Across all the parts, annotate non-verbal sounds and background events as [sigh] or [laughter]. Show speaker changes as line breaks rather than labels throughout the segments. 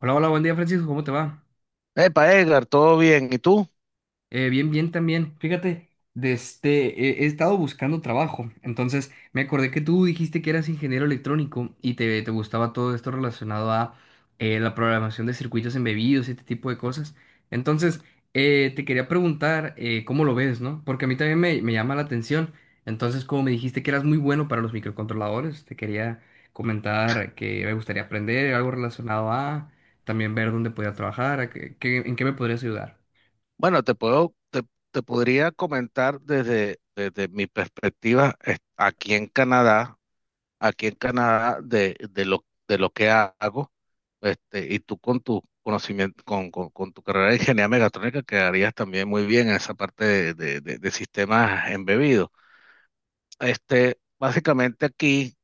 Hola, hola, buen día Francisco, ¿cómo te va?
Epa, Edgar, todo bien. ¿Y tú?
Bien, bien también. Fíjate, he estado buscando trabajo. Entonces, me acordé que tú dijiste que eras ingeniero electrónico y te gustaba todo esto relacionado a la programación de circuitos embebidos y este tipo de cosas. Entonces, te quería preguntar cómo lo ves, ¿no? Porque a mí también me llama la atención. Entonces, como me dijiste que eras muy bueno para los microcontroladores, te quería comentar que me gustaría aprender algo relacionado a también ver dónde podía trabajar, en qué me podrías ayudar.
Bueno, te podría comentar desde mi perspectiva aquí en Canadá de lo que hago, y tú con tu conocimiento, con tu carrera de ingeniería mecatrónica quedarías también muy bien en esa parte de sistemas embebidos. Básicamente aquí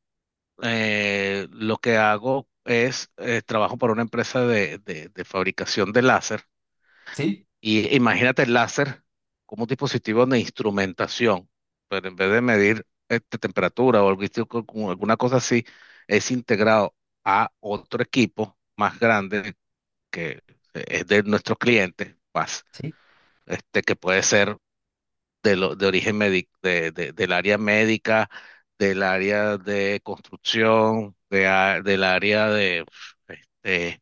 lo que hago es trabajo para una empresa de fabricación de láser.
Sí,
Y imagínate el láser como un dispositivo de instrumentación, pero en vez de medir temperatura o algo así, como alguna cosa así, es integrado a otro equipo más grande que es de nuestros clientes, más,
sí.
que puede ser de, del área médica, del área de construcción, del área de, este,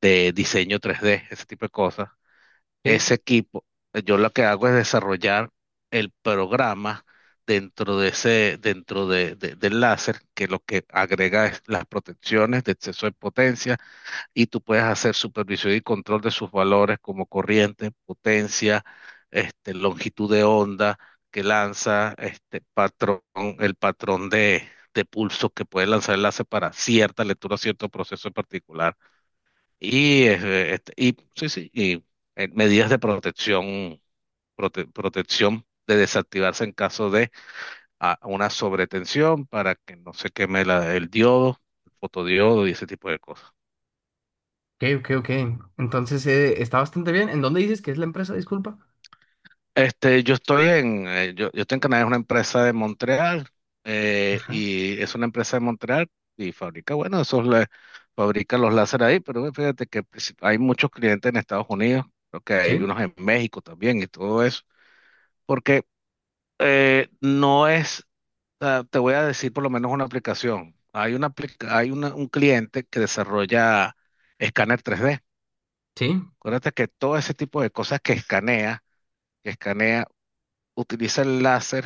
de diseño tres d, ese tipo de cosas.
Sí,
Ese equipo, yo lo que hago es desarrollar el programa dentro de ese, del láser, que lo que agrega es las protecciones de exceso de potencia, y tú puedes hacer supervisión y control de sus valores como corriente, potencia, longitud de onda que lanza, este patrón, el patrón de, de pulso que puede lanzar el láser para cierta lectura, cierto proceso en particular. Y, eh, este, y sí, sí, y medidas de protección, protección de desactivarse en caso de una sobretensión para que no se queme el diodo, el fotodiodo y ese tipo de cosas.
ok, ok, ok. Entonces, está bastante bien. ¿En dónde dices que es la empresa? Disculpa.
Yo estoy en, yo estoy en Canadá, es una empresa de Montreal,
Ajá.
y es una empresa de Montreal y fabrica, bueno, fabrica los láser ahí, pero bueno, fíjate que pues, hay muchos clientes en Estados Unidos, creo que hay
Sí,
unos en México también y todo eso. Porque no es, o te voy a decir por lo menos una aplicación. Hay una, aplica- hay una- Un cliente que desarrolla escáner 3D.
sí,
Acuérdate que todo ese tipo de cosas que escanea, utiliza el láser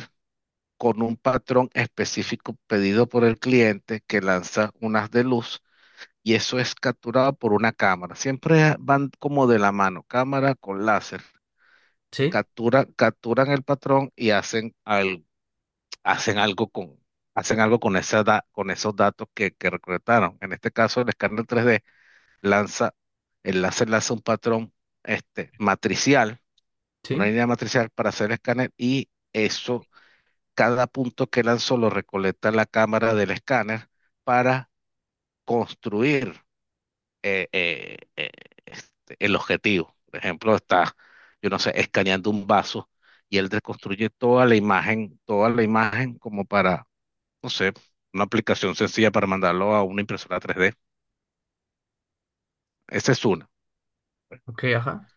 con un patrón específico pedido por el cliente que lanza unas de luz y eso es capturado por una cámara. Siempre van como de la mano, cámara con láser.
sí,
Capturan el patrón y hacen hacen algo con, hacen algo con, con esos datos que recolectaron. En este caso, el escáner 3D lanza, el láser lanza un patrón, matricial, una
sí.
línea matricial para hacer el escáner, y eso, cada punto que lanzó lo recolecta la cámara del escáner para construir eh, eh, eh, el objetivo. Por ejemplo, está, yo no sé, escaneando un vaso. Y él reconstruye toda la imagen como para no sé, una aplicación sencilla para mandarlo a una impresora 3D. Esa es una.
Ok, ajá.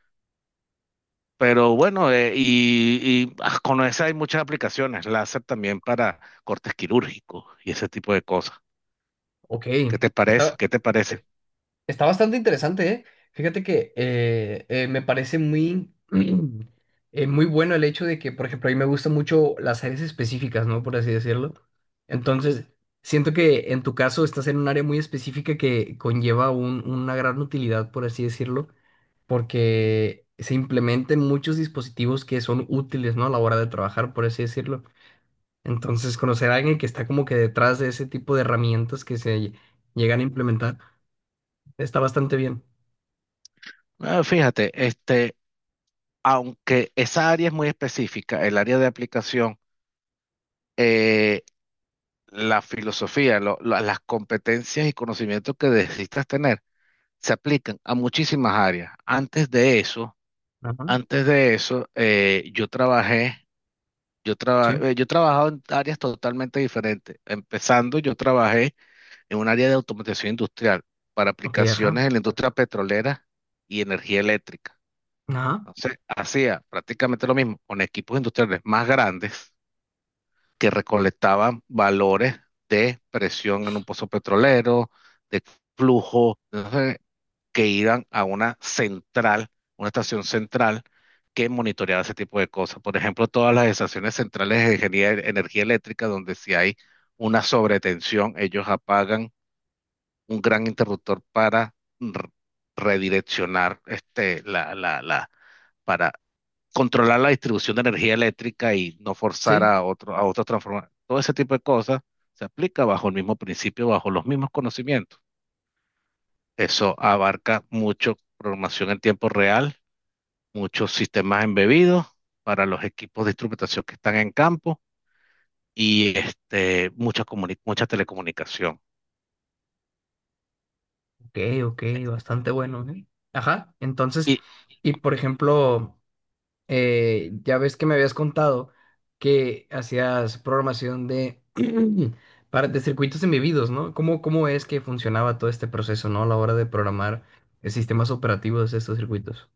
Pero bueno, con esa hay muchas aplicaciones, láser también para cortes quirúrgicos y ese tipo de cosas.
Ok.
¿Qué te parece?
Está,
¿Qué te parece?
eh, Está bastante interesante, ¿eh? Fíjate que me parece muy, [clears throat] muy bueno el hecho de que, por ejemplo, a mí me gustan mucho las áreas específicas, ¿no? Por así decirlo. Entonces, siento que en tu caso estás en un área muy específica que conlleva una gran utilidad, por así decirlo. Porque se implementen muchos dispositivos que son útiles, ¿no? A la hora de trabajar, por así decirlo. Entonces, conocer a alguien que está como que detrás de ese tipo de herramientas llegan a implementar está bastante bien.
Ah, fíjate, aunque esa área es muy específica, el área de aplicación, eh, la filosofía, las competencias y conocimientos que necesitas tener se aplican a muchísimas áreas. Antes de eso,
Ajá,
antes de eso,
sí,
yo he trabajado en áreas totalmente diferentes. Empezando, yo trabajé en un área de automatización industrial para
ok,
aplicaciones
ajá,
en la industria petrolera y energía eléctrica.
ajá,
Entonces, hacía prácticamente lo mismo con equipos industriales más grandes que recolectaban valores de presión en un pozo petrolero, de flujo que iban a una central, una estación central que monitoreaba ese tipo de cosas. Por ejemplo, todas las estaciones centrales de energía eléctrica, donde si hay una sobretensión, ellos apagan un gran interruptor para r- redireccionar para controlar la distribución de energía eléctrica y no forzar
sí,
a otro, a otros transformar. Todo ese tipo de cosas se aplica bajo el mismo principio, bajo los mismos conocimientos. Eso abarca mucho programación en tiempo real, muchos sistemas embebidos para los equipos de instrumentación que están en campo y mucha, mucha telecomunicación.
ok, ok, bastante bueno, ¿eh? Ajá, entonces,
Y
y por ejemplo... ya ves que me habías contado que hacías programación de, [clears throat] para, de circuitos embebidos, ¿no? ¿Cómo es que funcionaba todo este proceso, ¿no? A la hora de programar sistemas operativos de estos circuitos.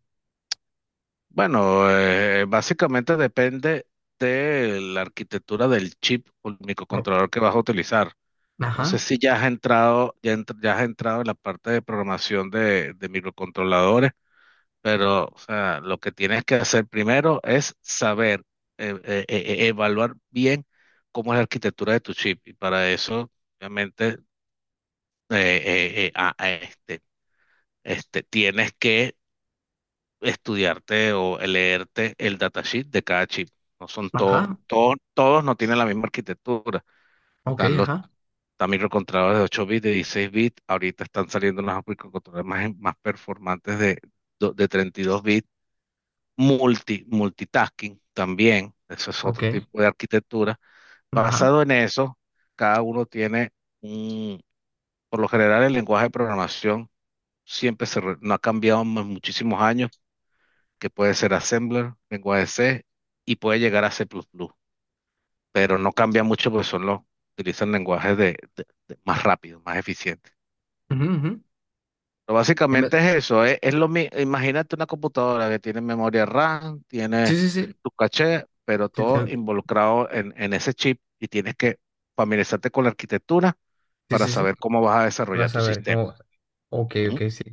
bueno, básicamente depende de la arquitectura del chip o el
Oh,
microcontrolador que vas a utilizar. No sé
ajá,
si ya has entrado, ya has entrado en la parte de programación de microcontroladores. Pero, o sea, lo que tienes que hacer primero es saber, evaluar bien cómo es la arquitectura de tu chip. Y para eso, obviamente, eh, eh, eh, a- a este, tienes que estudiarte o leerte el datasheet de cada chip. No son
ajá,
todos, no tienen la misma arquitectura.
ok,
Están los
ajá,
Están microcontroladores de 8 bits, de 16 bits. Ahorita están saliendo unos microcontroladores más performantes de, de 32 bits, multitasking también, eso es
ok,
otro tipo de arquitectura.
ajá.
Basado en eso, cada uno tiene un, por lo general el lenguaje de programación no ha cambiado en muchísimos años, que puede ser Assembler, lenguaje C y puede llegar a C++, pero no cambia mucho porque son los, utilizan lenguajes más rápido, más eficientes.
Ujú, ujú.
Pero
En vez-
básicamente es eso, es imagínate una computadora que tiene memoria RAM, tiene
Sí, sí, sí,
tu caché, pero
sí,
todo involucrado en ese chip y tienes que familiarizarte con la arquitectura
sí,
para
sí, sí.
saber cómo vas a desarrollar
Vas
tu
a ver
sistema.
cómo. Ok, ok,
Ujú.
sí.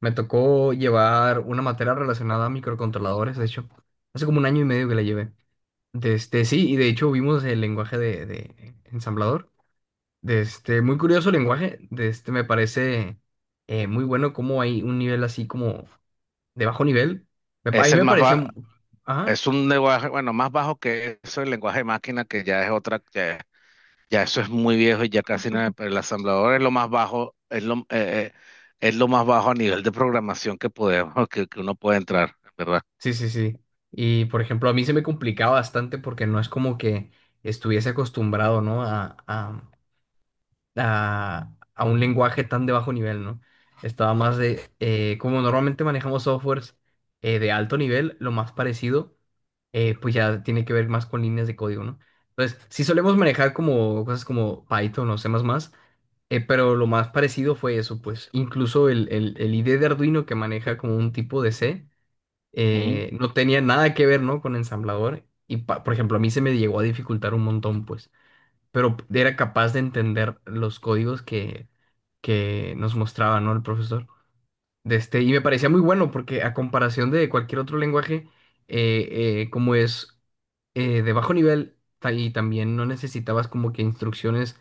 Me tocó llevar una materia relacionada a microcontroladores, de hecho. Hace como un año y medio que la llevé. De este, sí, y de hecho vimos el lenguaje de ensamblador. De este, muy curioso el lenguaje. De este, me parece muy bueno como hay un nivel así como de bajo nivel. A
Es
mí
el
me
más
parecía...
ba-
Ajá,
es un lenguaje, bueno, más bajo que eso, el lenguaje de máquina, que ya es otra, ya, ya eso es muy viejo y ya casi no, pero el asamblador es lo más bajo, es lo más bajo a nivel de programación que podemos, que uno puede entrar, ¿verdad?
sí, sí, sí. Y por ejemplo, a mí se me complicaba bastante porque no es como que estuviese acostumbrado, ¿no? A un lenguaje tan de bajo nivel, ¿no? Estaba más de, como normalmente manejamos softwares de alto nivel, lo más parecido, pues ya tiene que ver más con líneas de código, ¿no? Entonces, sí solemos manejar como cosas como Python o C++, pero lo más parecido fue eso, pues incluso el IDE de Arduino que maneja como un tipo de C, no tenía nada que ver, ¿no? Con ensamblador. Y, por ejemplo, a mí se me llegó a dificultar un montón, pues pero era capaz de entender los códigos que nos mostraba, ¿no? El profesor. De este, y me parecía muy bueno porque a comparación de cualquier otro lenguaje, como es de bajo nivel y también no necesitabas como que instrucciones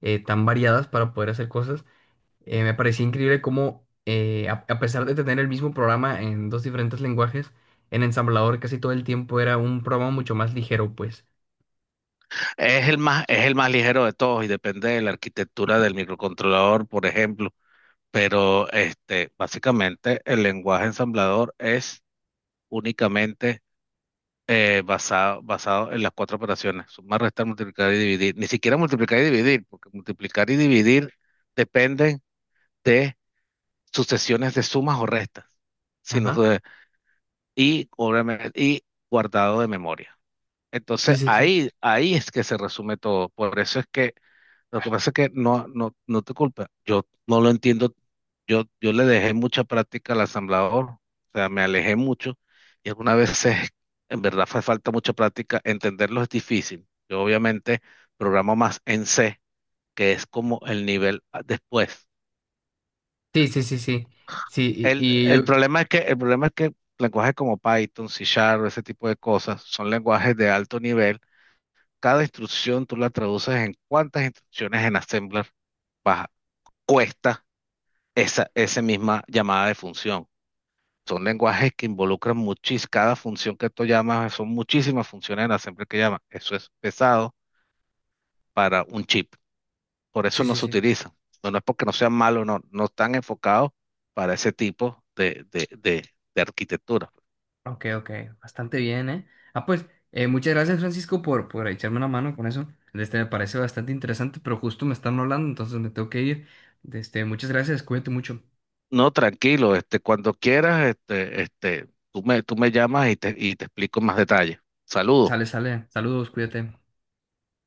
tan variadas para poder hacer cosas, me parecía increíble cómo a pesar de tener el mismo programa en dos diferentes lenguajes, en ensamblador casi todo el tiempo era un programa mucho más ligero, pues.
Es el más ligero de todos y depende de la arquitectura del microcontrolador, por ejemplo. Pero básicamente el lenguaje ensamblador es únicamente basado en las cuatro operaciones. Sumar, restar, multiplicar y dividir. Ni siquiera multiplicar y dividir, porque multiplicar y dividir dependen de sucesiones de sumas o restas. Sino
Ajá.
de- y, obviamente, y guardado de memoria.
Sí,
Entonces
sí, sí.
ahí, ahí es que se resume todo. Por eso es que lo que pasa es que no, no, no te culpa. Yo no lo entiendo. Yo le dejé mucha práctica al asamblador. O sea, me alejé mucho. Y algunas veces, en verdad, hace falta mucha práctica. Entenderlo es difícil. Yo obviamente programo más en C, que es como el nivel después.
Sí, sí, sí, sí. Sí, y yo.
El problema es que, el problema es que lenguajes como Python, C Sharp, ese tipo de cosas, son lenguajes de alto nivel. Cada instrucción tú la traduces en cuántas instrucciones en Assembler baja. Cuesta esa misma llamada de función. Son lenguajes que involucran muchísimas, cada función que tú llamas, son muchísimas funciones en la siempre que llamas. Eso es pesado para un chip. Por eso
Sí,
no
sí,
se
sí.
utilizan. No, no es porque no sean malos, no, no están enfocados para ese tipo de arquitectura.
Ok, ok. Bastante bien, ¿eh? Ah, pues, muchas gracias, Francisco, por echarme una mano con eso. Este, me parece bastante interesante, pero justo me están hablando, entonces me tengo que ir. Este, muchas gracias, cuídate mucho.
No, tranquilo, cuando quieras, tú me llamas y te explico más detalle. Saludos.
Sale, sale. Saludos, cuídate.